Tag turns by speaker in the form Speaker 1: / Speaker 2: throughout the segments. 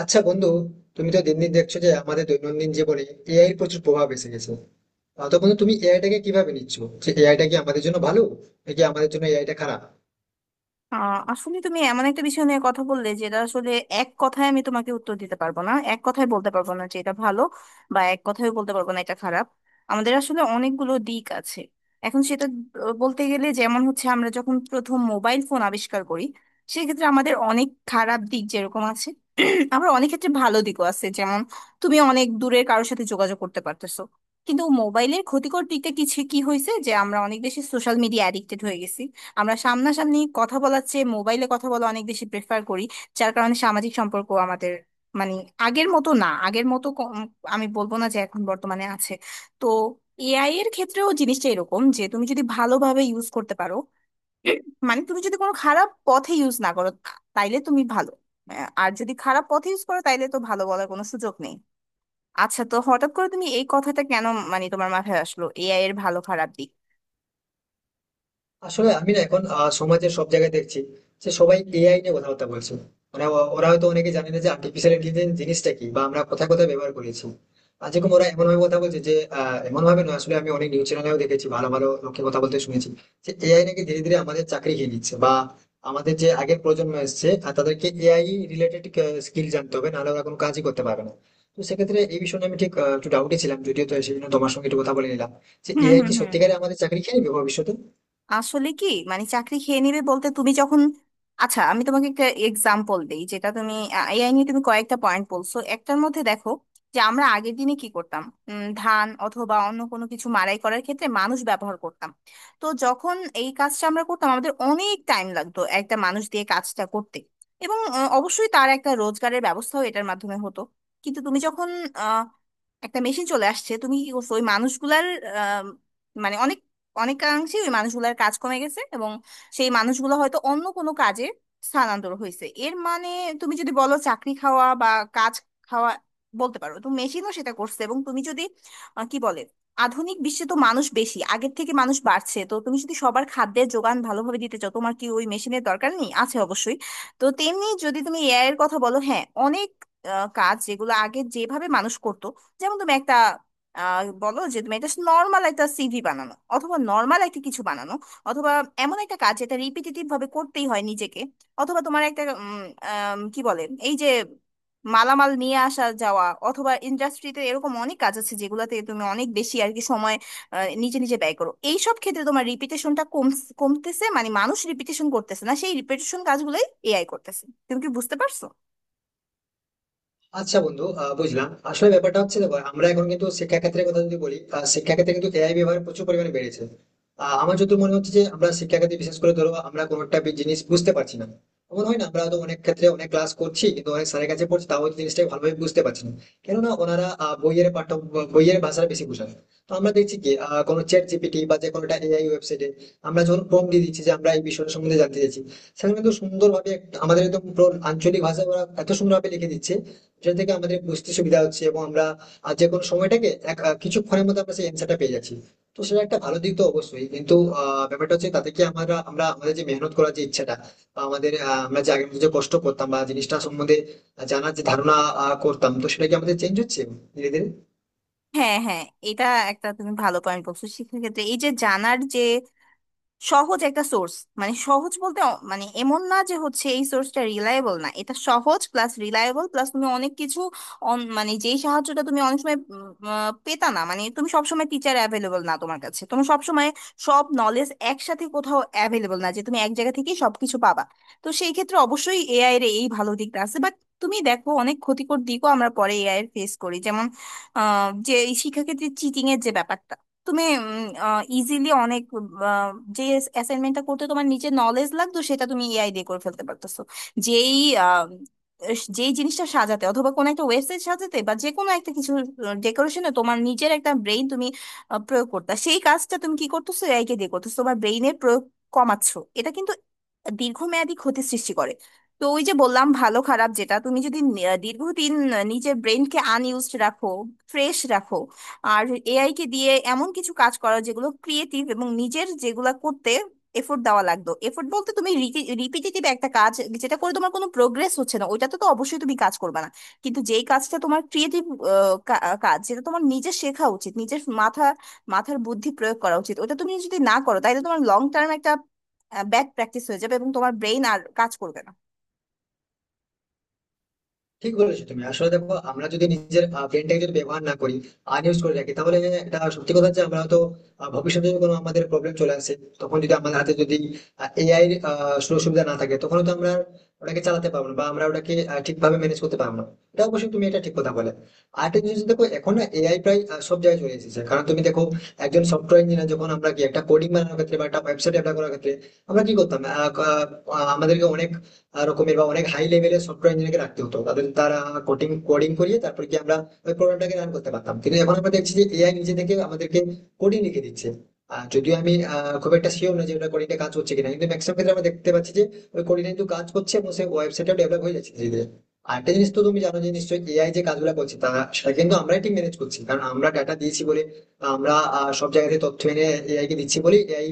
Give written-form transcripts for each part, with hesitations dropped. Speaker 1: আচ্ছা বন্ধু, তুমি তো দিন দিন দেখছো যে আমাদের দৈনন্দিন জীবনে এআই এর প্রচুর প্রভাব এসে গেছে। তো বন্ধু, তুমি এআইটাকে কিভাবে নিচ্ছো? যে এআইটা কি আমাদের জন্য ভালো, নাকি আমাদের জন্য এআইটা খারাপ?
Speaker 2: আহ আসলে তুমি এমন একটা বিষয় নিয়ে কথা বললে যেটা আসলে এক কথায় আমি তোমাকে উত্তর দিতে পারবো না, এক কথায় বলতে পারবো না যে এটা ভালো বা এক কথায় বলতে পারবো না এটা খারাপ। আমাদের আসলে অনেকগুলো দিক আছে। এখন সেটা বলতে গেলে যেমন হচ্ছে আমরা যখন প্রথম মোবাইল ফোন আবিষ্কার করি, সেক্ষেত্রে আমাদের অনেক খারাপ দিক যেরকম আছে, আবার অনেক ক্ষেত্রে ভালো দিকও আছে। যেমন তুমি অনেক দূরের কারোর সাথে যোগাযোগ করতে পারতেছো, কিন্তু মোবাইলের ক্ষতিকর দিকটা কিছু কি হয়েছে যে আমরা অনেক বেশি সোশ্যাল মিডিয়া অ্যাডিক্টেড হয়ে গেছি। আমরা সামনাসামনি কথা বলার চেয়ে মোবাইলে কথা বলা অনেক বেশি প্রেফার করি, যার কারণে সামাজিক সম্পর্ক আমাদের মানে আগের মতো না, আগের মতো আমি বলবো না যে এখন বর্তমানে আছে। তো এআই এর ক্ষেত্রেও জিনিসটা এরকম যে তুমি যদি ভালোভাবে ইউজ করতে পারো, মানে তুমি যদি কোনো খারাপ পথে ইউজ না করো তাইলে তুমি ভালো। আর যদি খারাপ পথে ইউজ করো তাইলে তো ভালো বলার কোনো সুযোগ নেই। আচ্ছা, তো হঠাৎ করে তুমি এই কথাটা কেন, মানে তোমার মাথায় আসলো এআই এর ভালো খারাপ দিক?
Speaker 1: আসলে আমি না এখন সমাজে সব জায়গায় দেখছি যে সবাই এআই নিয়ে কথাবার্তা বলছে। মানে ওরা হয়তো অনেকে জানে না যে আর্টিফিশিয়াল ইন্টেলিজেন্স জিনিসটা কি, বা আমরা কোথায় কোথায় ব্যবহার করেছি। আর যেরকম ওরা এমন ভাবে কথা বলছে যে এমন ভাবে নয়, আসলে আমি অনেক নিউজ চ্যানেলেও দেখেছি, ভালো ভালো লোকে কথা বলতে শুনেছি যে এআই নাকি ধীরে ধীরে আমাদের চাকরি খেয়ে নিচ্ছে, বা আমাদের যে আগের প্রজন্ম এসেছে আর তাদেরকে এআই রিলেটেড স্কিল জানতে হবে, নাহলে ওরা কোনো কাজই করতে পারবে না। তো সেক্ষেত্রে এই বিষয়ে আমি ঠিক একটু ডাউটে ছিলাম, যদিও তো সেজন্য তোমার সঙ্গে একটু কথা বলে নিলাম যে
Speaker 2: হুম,
Speaker 1: এআই
Speaker 2: হুম,
Speaker 1: কি
Speaker 2: হুম।
Speaker 1: সত্যিকারে আমাদের চাকরি খেয়ে নেবে ভবিষ্যতে?
Speaker 2: আসলে কি, মানে চাকরি খেয়ে নেবে বলতে তুমি যখন, আচ্ছা আমি তোমাকে একটা এক্সাম্পল দেই, যেটা তুমি এআই নিয়ে তুমি কয়েকটা পয়েন্ট বলছো, একটার মধ্যে দেখো যে আমরা আগের দিনে কি করতাম। ধান অথবা অন্য কোনো কিছু মাড়াই করার ক্ষেত্রে মানুষ ব্যবহার করতাম। তো যখন এই কাজটা আমরা করতাম আমাদের অনেক টাইম লাগতো একটা মানুষ দিয়ে কাজটা করতে, এবং অবশ্যই তার একটা রোজগারের ব্যবস্থাও এটার মাধ্যমে হতো। কিন্তু তুমি যখন আ, একটা মেশিন চলে আসছে তুমি কি করছো ওই মানুষগুলার, আ, মানে অনেকাংশে ওই মানুষগুলোর কাজ কমে গেছে এবং সেই মানুষগুলো হয়তো অন্য কোনো কাজে স্থানান্তর হয়েছে। এর মানে তুমি যদি বলো চাকরি খাওয়া বা কাজ খাওয়া বলতে পারো, তো মেশিনও সেটা করছে। এবং তুমি যদি আহ, কি বলে আধুনিক বিশ্বে তো মানুষ বেশি, আগের থেকে মানুষ বাড়ছে, তো তুমি যদি সবার খাদ্যের যোগান ভালোভাবে দিতে চাও তোমার কি ওই মেশিনের দরকার নেই? আছে অবশ্যই। তো তেমনি যদি তুমি এআই এর কথা বলো, হ্যাঁ অনেক কাজ যেগুলো আগে যেভাবে মানুষ করতো, যেমন তুমি একটা বলো যে তুমি এটা নর্মাল একটা সিভি বানানো অথবা নর্মাল একটা কিছু বানানো, অথবা এমন একটা কাজ যেটা রিপিটেটিভ ভাবে করতেই হয় নিজেকে, অথবা তোমার একটা উম, আম, কি বলে এই যে মালামাল নিয়ে আসা যাওয়া, অথবা ইন্ডাস্ট্রিতে এরকম অনেক কাজ আছে যেগুলোতে তুমি অনেক বেশি আর কি সময় নিজে নিজে ব্যয় করো, এইসব ক্ষেত্রে তোমার রিপিটেশনটা কমতেছে, মানে মানুষ রিপিটেশন করতেছে না, সেই রিপিটেশন কাজগুলোই এআই করতেছে। তুমি কি বুঝতে পারছো?
Speaker 1: আচ্ছা বন্ধু, বুঝলাম। আসলে ব্যাপারটা হচ্ছে, দেখো আমরা এখন কিন্তু শিক্ষাক্ষেত্রের কথা যদি বলি, শিক্ষাক্ষেত্রে কিন্তু এআই ব্যবহার প্রচুর পরিমাণে বেড়েছে। আমার যত মনে হচ্ছে যে আমরা শিক্ষাক্ষেত্রে, বিশেষ করে ধরো আমরা কোনো একটা জিনিস বুঝতে পারছি না, এমন হয় না? আমরা হয়তো অনেক ক্ষেত্রে অনেক ক্লাস করছি, কিন্তু অনেক স্যারের কাছে পড়ছি, তাও হয়তো জিনিসটা ভালোভাবে বুঝতে পারছি না, কেননা ওনারা বইয়ের পাঠ্য বইয়ের ভাষাটা বেশি বোঝান। তো আমরা দেখছি কি কোনো চ্যাট জিপিটি বা যে কোনো একটা এআই ওয়েবসাইটে আমরা যখন প্রম্পট দিয়ে দিচ্ছি যে আমরা এই বিষয়টা সম্বন্ধে জানতে চাইছি, সেখানে কিন্তু সুন্দরভাবে আমাদের একদম পুরো আঞ্চলিক ভাষায় ওরা এত সুন্দরভাবে লিখে দিচ্ছে, যেটা থেকে আমাদের বুঝতে সুবিধা হচ্ছে, এবং আমরা যে কোনো সময়টাকে এক কিছুক্ষণের মধ্যে আমরা সেই অ্যান্সারটা পেয়ে যাচ্ছি। তো সেটা একটা ভালো দিক তো অবশ্যই, কিন্তু ব্যাপারটা হচ্ছে, তাতে কি আমরা আমরা আমাদের যে মেহনত করার যে ইচ্ছাটা, বা আমাদের আমরা যে আগের মধ্যে যে কষ্ট করতাম, বা জিনিসটা সম্বন্ধে জানার যে ধারণা করতাম, তো সেটা কি আমাদের চেঞ্জ হচ্ছে ধীরে ধীরে?
Speaker 2: হ্যাঁ, হ্যাঁ। এটা একটা তুমি ভালো পয়েন্ট বলছো। সেক্ষেত্রে এই যে জানার যে সহজ একটা সোর্স, মানে সহজ বলতে মানে এমন না যে হচ্ছে এই সোর্সটা রিলায়েবল না, এটা সহজ প্লাস রিলায়েবল প্লাস তুমি অনেক কিছু মানে যেই সাহায্যটা তুমি অনেক সময় পেতা না, মানে তুমি সবসময় টিচার অ্যাভেলেবল না তোমার কাছে, তোমার সবসময় সব নলেজ একসাথে কোথাও অ্যাভেলেবল না যে তুমি এক জায়গা থেকেই সবকিছু পাবা। তো সেই ক্ষেত্রে অবশ্যই এআই এর এই ভালো দিকটা আছে, বাট তুমি দেখো অনেক ক্ষতিকর দিকও আমরা পরে এআই এর ফেস করি, যেমন যে এই শিক্ষাক্ষেত্রে চিটিং এর যে ব্যাপারটা, তুমি ইজিলি অনেক আহ, যে অ্যাসাইনমেন্টটা করতে তোমার নিচে নলেজ লাগতো সেটা তুমি এআই দিয়ে করে ফেলতে পারতেছো। যেই আহ, যেই জিনিসটা সাজাতে, অথবা কোনো একটা ওয়েবসাইট সাজাতে, বা যে কোনো একটা কিছু ডেকোরেশনে তোমার নিজের একটা ব্রেইন তুমি প্রয়োগ করতে, সেই কাজটা তুমি কি করতেছো, এআই কে দিয়ে করতেছো, তোমার ব্রেইনের প্রয়োগ কমাচ্ছো। এটা কিন্তু দীর্ঘমেয়াদী ক্ষতি সৃষ্টি করে। তো ওই যে বললাম ভালো খারাপ, যেটা তুমি যদি দীর্ঘদিন নিজের ব্রেইনকে আনইউজড রাখো, ফ্রেশ রাখো, আর এআই কে দিয়ে এমন কিছু কাজ করা যেগুলো ক্রিয়েটিভ এবং নিজের যেগুলা করতে এফোর্ট দেওয়া লাগতো, এফোর্ট বলতে তুমি রিপিটেটিভ একটা কাজ যেটা করে তোমার কোনো প্রোগ্রেস হচ্ছে না ওইটাতে তো অবশ্যই তুমি কাজ করবে না, কিন্তু যেই কাজটা তোমার ক্রিয়েটিভ কাজ, যেটা তোমার নিজে শেখা উচিত, নিজের মাথার বুদ্ধি প্রয়োগ করা উচিত, ওটা তুমি যদি না করো তাহলে তোমার লং টার্ম একটা ব্যাড প্র্যাকটিস হয়ে যাবে এবং তোমার ব্রেইন আর কাজ করবে না।
Speaker 1: ঠিক বলেছো তুমি। আসলে দেখো, আমরা যদি নিজের ব্রেনটাকে যদি ব্যবহার না করি, আনইউজ করে রাখি, তাহলে এটা সত্যি কথা যে আমরা হয়তো ভবিষ্যতে যদি কোনো আমাদের প্রবলেম চলে আসে, তখন যদি আমাদের হাতে যদি এআই এর সুযোগ সুবিধা না থাকে, তখন তো আমরা ওটাকে চালাতে পারবো না, বা আমরা ওটাকে ঠিকভাবে ম্যানেজ করতে পারবো না। এটা অবশ্যই, তুমি এটা ঠিক কথা বলে। আর একটা জিনিস দেখো, এখন না এআই প্রায় সব জায়গায় চলে এসেছে। কারণ তুমি দেখো, একজন সফটওয়্যার ইঞ্জিনিয়ার যখন আমরা কি একটা কোডিং বানানোর ক্ষেত্রে বা একটা ওয়েবসাইট ডেভেলপ করার ক্ষেত্রে আমরা কি করতাম, আহ, আহ, আমাদেরকে অনেক রকমের বা অনেক হাই লেভেলের সফটওয়্যার ইঞ্জিনিয়ারকে রাখতে হতো, তাদের তারা কোডিং কোডিং করিয়ে তারপর কি আমরা ওই প্রোগ্রামটাকে রান করতে পারতাম। কিন্তু এখন আমরা দেখছি যে এআই নিজে থেকে আমাদেরকে কোডিং লিখে দিচ্ছে। আর যদিও আমি খুব একটা শিওর না যে ওটা কোডিংটা কাজ হচ্ছে কিনা, কিন্তু ম্যাক্সিমাম ক্ষেত্রে আমরা দেখতে পাচ্ছি যে ওই কোডিংটা কিন্তু কাজ করছে, এবং সেই ওয়েবসাইটটা ডেভেলপ হয়ে যাচ্ছে ধীরে ধীরে। আর একটা জিনিস তো তুমি জানো যে নিশ্চয়ই এআই যে কাজগুলো করছে তা সেটা কিন্তু আমরাই ঠিক ম্যানেজ করছি, কারণ আমরা ডাটা দিয়েছি বলে, আমরা সব জায়গা থেকে তথ্য এনে এআই কে দিচ্ছি বলেই এআই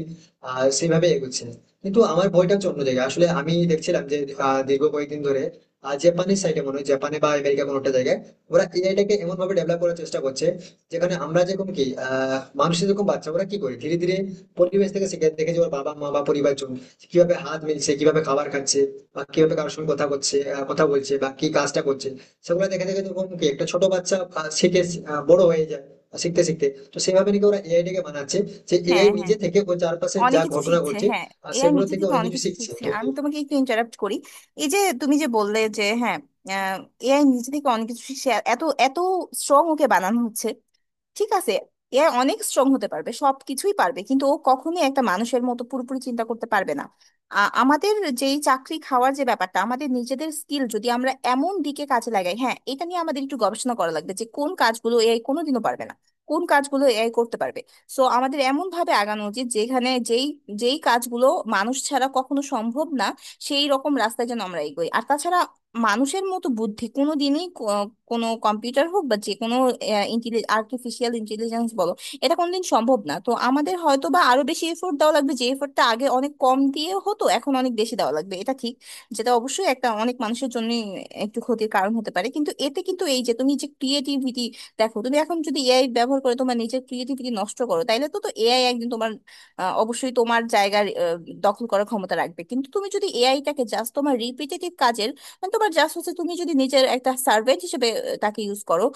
Speaker 1: সেইভাবে এগোচ্ছে। কিন্তু আমার ভয়টা হচ্ছে অন্য জায়গায়। আসলে আমি দেখছিলাম যে দীর্ঘ কয়েকদিন ধরে জাপানের সাইডে মনে হয়, জাপানে বা আমেরিকা কোনো একটা জায়গায় ওরা এআইটাকে এমন ভাবে ডেভেলপ করার চেষ্টা করছে যেখানে আমরা যেরকম কি মানুষের যেরকম বাচ্চা ওরা কি করে, ধীরে ধীরে পরিবেশ থেকে শিখে, দেখে যে ওর বাবা মা বা পরিবার জন কিভাবে হাত মিলছে, কিভাবে খাবার খাচ্ছে, বা কিভাবে কারোর সঙ্গে কথা করছে, কথা বলছে বা কি কাজটা করছে, সেগুলো দেখে দেখে যেরকম কি একটা ছোট বাচ্চা শিখে বড় হয়ে যায় শিখতে শিখতে, তো সেভাবে নাকি ওরা এআইটাকে বানাচ্ছে, যে
Speaker 2: হ্যাঁ,
Speaker 1: এআই
Speaker 2: হ্যাঁ,
Speaker 1: নিজে থেকে ওর চারপাশে
Speaker 2: অনেক
Speaker 1: যা
Speaker 2: কিছু
Speaker 1: ঘটনা
Speaker 2: শিখছে,
Speaker 1: ঘটছে
Speaker 2: হ্যাঁ
Speaker 1: আর
Speaker 2: এআই
Speaker 1: সেগুলো
Speaker 2: নিজে
Speaker 1: থেকে
Speaker 2: থেকে
Speaker 1: অনেক
Speaker 2: অনেক
Speaker 1: কিছু
Speaker 2: কিছু
Speaker 1: শিখছি।
Speaker 2: শিখছে।
Speaker 1: তো
Speaker 2: আমি তোমাকে একটু ইন্টারাপ্ট করি। এই যে তুমি যে বললে যে হ্যাঁ এআই নিজে থেকে অনেক কিছু শিখছে, এত এত স্ট্রং ওকে বানানো হচ্ছে, ঠিক আছে, এ অনেক স্ট্রং হতে পারবে, সবকিছুই পারবে, কিন্তু ও কখনোই একটা মানুষের মতো পুরোপুরি চিন্তা করতে পারবে না। আমাদের যেই চাকরি খাওয়ার যে ব্যাপারটা, আমাদের নিজেদের স্কিল যদি আমরা এমন দিকে কাজে লাগাই, হ্যাঁ এটা নিয়ে আমাদের একটু গবেষণা করা লাগবে যে কোন কাজগুলো এআই কোনোদিনও পারবে না, কোন কাজগুলো এআই করতে পারবে। সো আমাদের এমন ভাবে আগানো উচিত যেখানে যেই যেই কাজগুলো মানুষ ছাড়া কখনো সম্ভব না সেই রকম রাস্তায় যেন আমরা এগোই। আর তাছাড়া মানুষের মতো বুদ্ধি কোনো দিনই কোনো কম্পিউটার হোক বা যে কোনো আর্টিফিশিয়াল ইন্টেলিজেন্স বলো, এটা কোনোদিন সম্ভব না। তো আমাদের হয়তো বা আরো বেশি এফোর্ট দেওয়া লাগবে, যে এফোর্টটা আগে অনেক কম দিয়ে হতো এখন অনেক বেশি দেওয়া লাগবে, এটা ঠিক। যেটা অবশ্যই একটা অনেক মানুষের জন্য একটু ক্ষতির কারণ হতে পারে, কিন্তু এতে কিন্তু এই যে তুমি যে ক্রিয়েটিভিটি, দেখো তুমি এখন যদি এআই ব্যবহার করে তোমার নিজের ক্রিয়েটিভিটি নষ্ট করো তাইলে তো তো এআই একদিন তোমার অবশ্যই তোমার জায়গার দখল করার ক্ষমতা রাখবে। কিন্তু তুমি যদি এআইটাকে জাস্ট তোমার রিপিটেটিভ কাজের মানে তোমার জাস্ট হচ্ছে, তুমি যদি নিজের একটা সার্ভেন্ট হিসেবে তাকে ইউজ করো,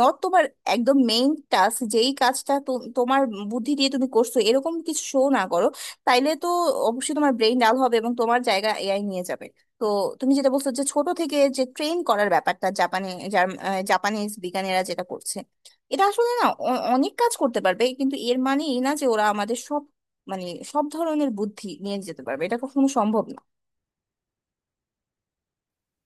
Speaker 2: নট তোমার একদম মেইন টাস্ক, যেই কাজটা তোমার বুদ্ধি দিয়ে তুমি করছো এরকম কিছু শো না করো, তাইলে তো অবশ্যই তোমার ব্রেইন ডাল হবে এবং তোমার জায়গা এআই নিয়ে যাবে। তো তুমি যেটা বলছো যে ছোট থেকে যে ট্রেন করার ব্যাপারটা জাপানে, জাপানিজ বিজ্ঞানীরা যেটা করছে, এটা আসলে না অনেক কাজ করতে পারবে, কিন্তু এর মানে এই না যে ওরা আমাদের সব, মানে সব ধরনের বুদ্ধি নিয়ে যেতে পারবে, এটা কখনো সম্ভব না।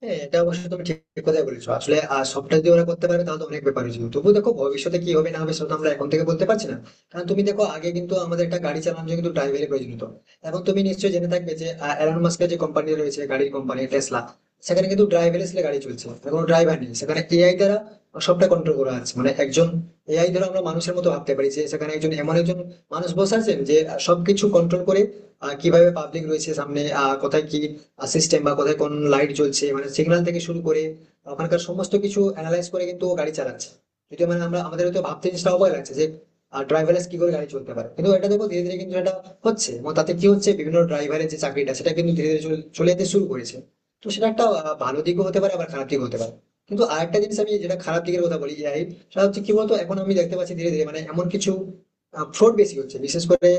Speaker 1: হ্যাঁ, এটা অবশ্যই তুমি ঠিক কথাই বলেছো। আসলে সবটা যদি ওরা করতে পারবে তাহলে তো অনেক ব্যাপার হয়েছিল, তবু দেখো ভবিষ্যতে কি হবে না হবে সেটা তো আমরা এখন থেকে বলতে পারছি না। কারণ তুমি দেখো, আগে কিন্তু আমাদের একটা গাড়ি চালানোর জন্য কিন্তু ড্রাইভারের প্রয়োজন হতো, এবং তুমি নিশ্চয়ই জেনে থাকবে যে এলন মাস্কের যে কোম্পানি রয়েছে, গাড়ির কোম্পানি টেসলা, সেখানে কিন্তু ড্রাইভার আসলে গাড়ি চলছে মানে কোনো ড্রাইভার নেই, সেখানে এআই দ্বারা সবটা কন্ট্রোল করা আছে। মানে একজন এআই দ্বারা আমরা মানুষের মতো ভাবতে পারি যে সেখানে একজন এমন একজন মানুষ বসে আছেন যে সবকিছু কন্ট্রোল করে, কিভাবে পাবলিক রয়েছে সামনে, কোথায় কি সিস্টেম বা কোথায় কোন লাইট জ্বলছে, মানে সিগন্যাল থেকে শুরু করে ওখানকার সমস্ত কিছু অ্যানালাইজ করে কিন্তু ও গাড়ি চালাচ্ছে। যদিও মানে আমরা আমাদের হয়তো ভাবতে জিনিসটা অবাক লাগছে যে ড্রাইভারলেস কি করে গাড়ি চলতে পারে, কিন্তু এটা দেখো ধীরে ধীরে কিন্তু এটা হচ্ছে। এবং তাতে কি হচ্ছে, বিভিন্ন ড্রাইভারের যে চাকরিটা সেটা কিন্তু ধীরে ধীরে চলে যেতে শুরু করেছে। তো সেটা একটা ভালো দিকও হতে পারে আবার খারাপ দিকও হতে পারে। কিন্তু আরেকটা জিনিস আমি যেটা খারাপ দিকের কথা বলি এআই, সেটা হচ্ছে কি বলতো, এখন আমি দেখতে পাচ্ছি ধীরে ধীরে মানে এমন কিছু ফ্রড বেশি হচ্ছে। বিশেষ করে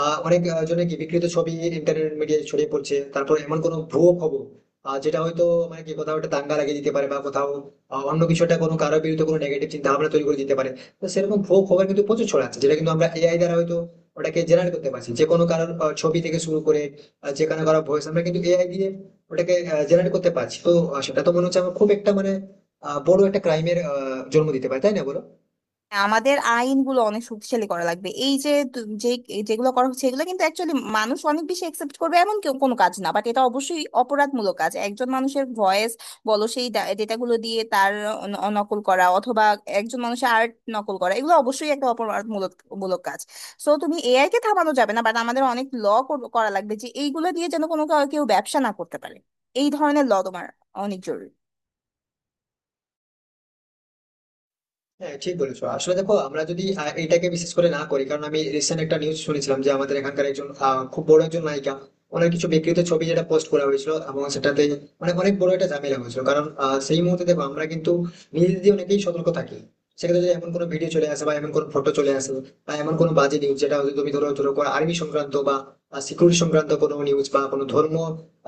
Speaker 1: অনেক জনের কি বিকৃত ছবি ইন্টারনেট মিডিয়ায় ছড়িয়ে পড়ছে, তারপর এমন কোনো ভুয়ো খবর যেটা হয়তো মানে কি কোথাও একটা দাঙ্গা লাগিয়ে দিতে পারে, বা কোথাও অন্য কিছু একটা কোনো কারোর বিরুদ্ধে কোনো নেগেটিভ চিন্তা ভাবনা তৈরি করে দিতে পারে। তো সেরকম ভুয়ো খবর কিন্তু প্রচুর ছড়াচ্ছে, যেটা কিন্তু আমরা এআই দ্বারা হয়তো ওটাকে জেনারেট করতে পারছি, যে কোনো কারোর ছবি থেকে শুরু করে যে কোনো কারোর ভয়েস আমরা কিন্তু এআই দিয়ে ওটাকে জেনারেট করতে পারছি। তো সেটা তো মনে হচ্ছে আমার খুব একটা মানে বড় একটা ক্রাইমের জন্ম দিতে পারে, তাই না বলো?
Speaker 2: হ্যাঁ, আমাদের আইনগুলো অনেক শক্তিশালী করা লাগবে। এই যে যে যেগুলো করা হচ্ছে, এগুলো কিন্তু অ্যাকচুয়ালি মানুষ অনেক বেশি একসেপ্ট করবে এমন কোনো কাজ না, বাট এটা অবশ্যই অপরাধমূলক কাজ। একজন মানুষের ভয়েস বলো, সেই ডেটাগুলো দিয়ে তার নকল করা, অথবা একজন মানুষের আর্ট নকল করা, এগুলো অবশ্যই একটা মূলক কাজ। সো তুমি এআই কে থামানো যাবে না, বাট আমাদের অনেক ল করা লাগবে যে এইগুলো দিয়ে যেন কেউ ব্যবসা না করতে পারে। এই ধরনের ল তোমার অনেক জরুরি।
Speaker 1: হ্যাঁ ঠিক বলেছো। আসলে দেখো, আমরা যদি এটাকে বিশেষ করে না করি, কারণ আমি রিসেন্ট একটা নিউজ শুনেছিলাম যে আমাদের এখানকার একজন খুব বড় একজন নায়িকা, ওনার কিছু বিকৃত ছবি যেটা পোস্ট করা হয়েছিল, এবং সেটাতে মানে অনেক বড় একটা ঝামেলা হয়েছিল। কারণ সেই মুহূর্তে দেখো আমরা কিন্তু নিজেদের দিয়ে অনেকেই সতর্ক থাকি। সেক্ষেত্রে যদি এমন কোনো ভিডিও চলে আসে, বা এমন কোনো ফটো চলে আসে, বা এমন কোনো বাজে নিউজ, যেটা হয়তো তুমি ধরো ধরো কোনো আর্মি সংক্রান্ত বা সিকিউরিটি সংক্রান্ত কোনো নিউজ বা কোনো ধর্ম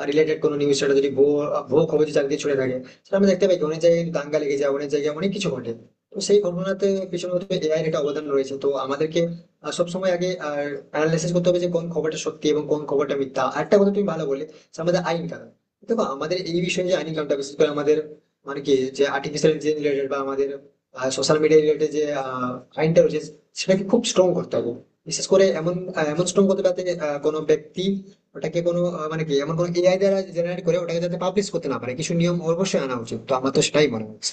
Speaker 1: রিলেটেড কোনো নিউজ, সেটা যদি ভুয়ো ভুয়ো খবর চাকরি ছড়ে থাকে, সেটা আমরা দেখতে পাই কি অনেক জায়গায় কিন্তু দাঙ্গা লেগে যায়, অনেক জায়গায় অনেক কিছু ঘটে। তো সেই ঘটনাতে পিছনে হয়তো এআই এর একটা অবদান রয়েছে। তো আমাদেরকে সবসময় আগে আর অ্যানালাইসিস করতে হবে যে কোন খবরটা সত্যি এবং কোন খবরটা মিথ্যা। আর একটা কথা তুমি ভালো বলে, যে আমাদের আইন কানুন, দেখো আমাদের এই বিষয়ে যে আইন কানুনটা, বিশেষ করে আমাদের মানে কি যে আর্টিফিশিয়াল যে রিলেটেড বা আমাদের সোশ্যাল মিডিয়া রিলেটেড যে আইনটা রয়েছে, সেটাকে খুব স্ট্রং করতে হবে। বিশেষ করে এমন এমন স্ট্রং করতে হবে যাতে কোনো ব্যক্তি ওটাকে কোনো মানে কি এমন কোনো এআই দ্বারা জেনারেট করে ওটাকে যাতে পাবলিশ করতে না পারে। কিছু নিয়ম অবশ্যই আনা উচিত, তো আমার তো সেটাই মনে হচ্ছে।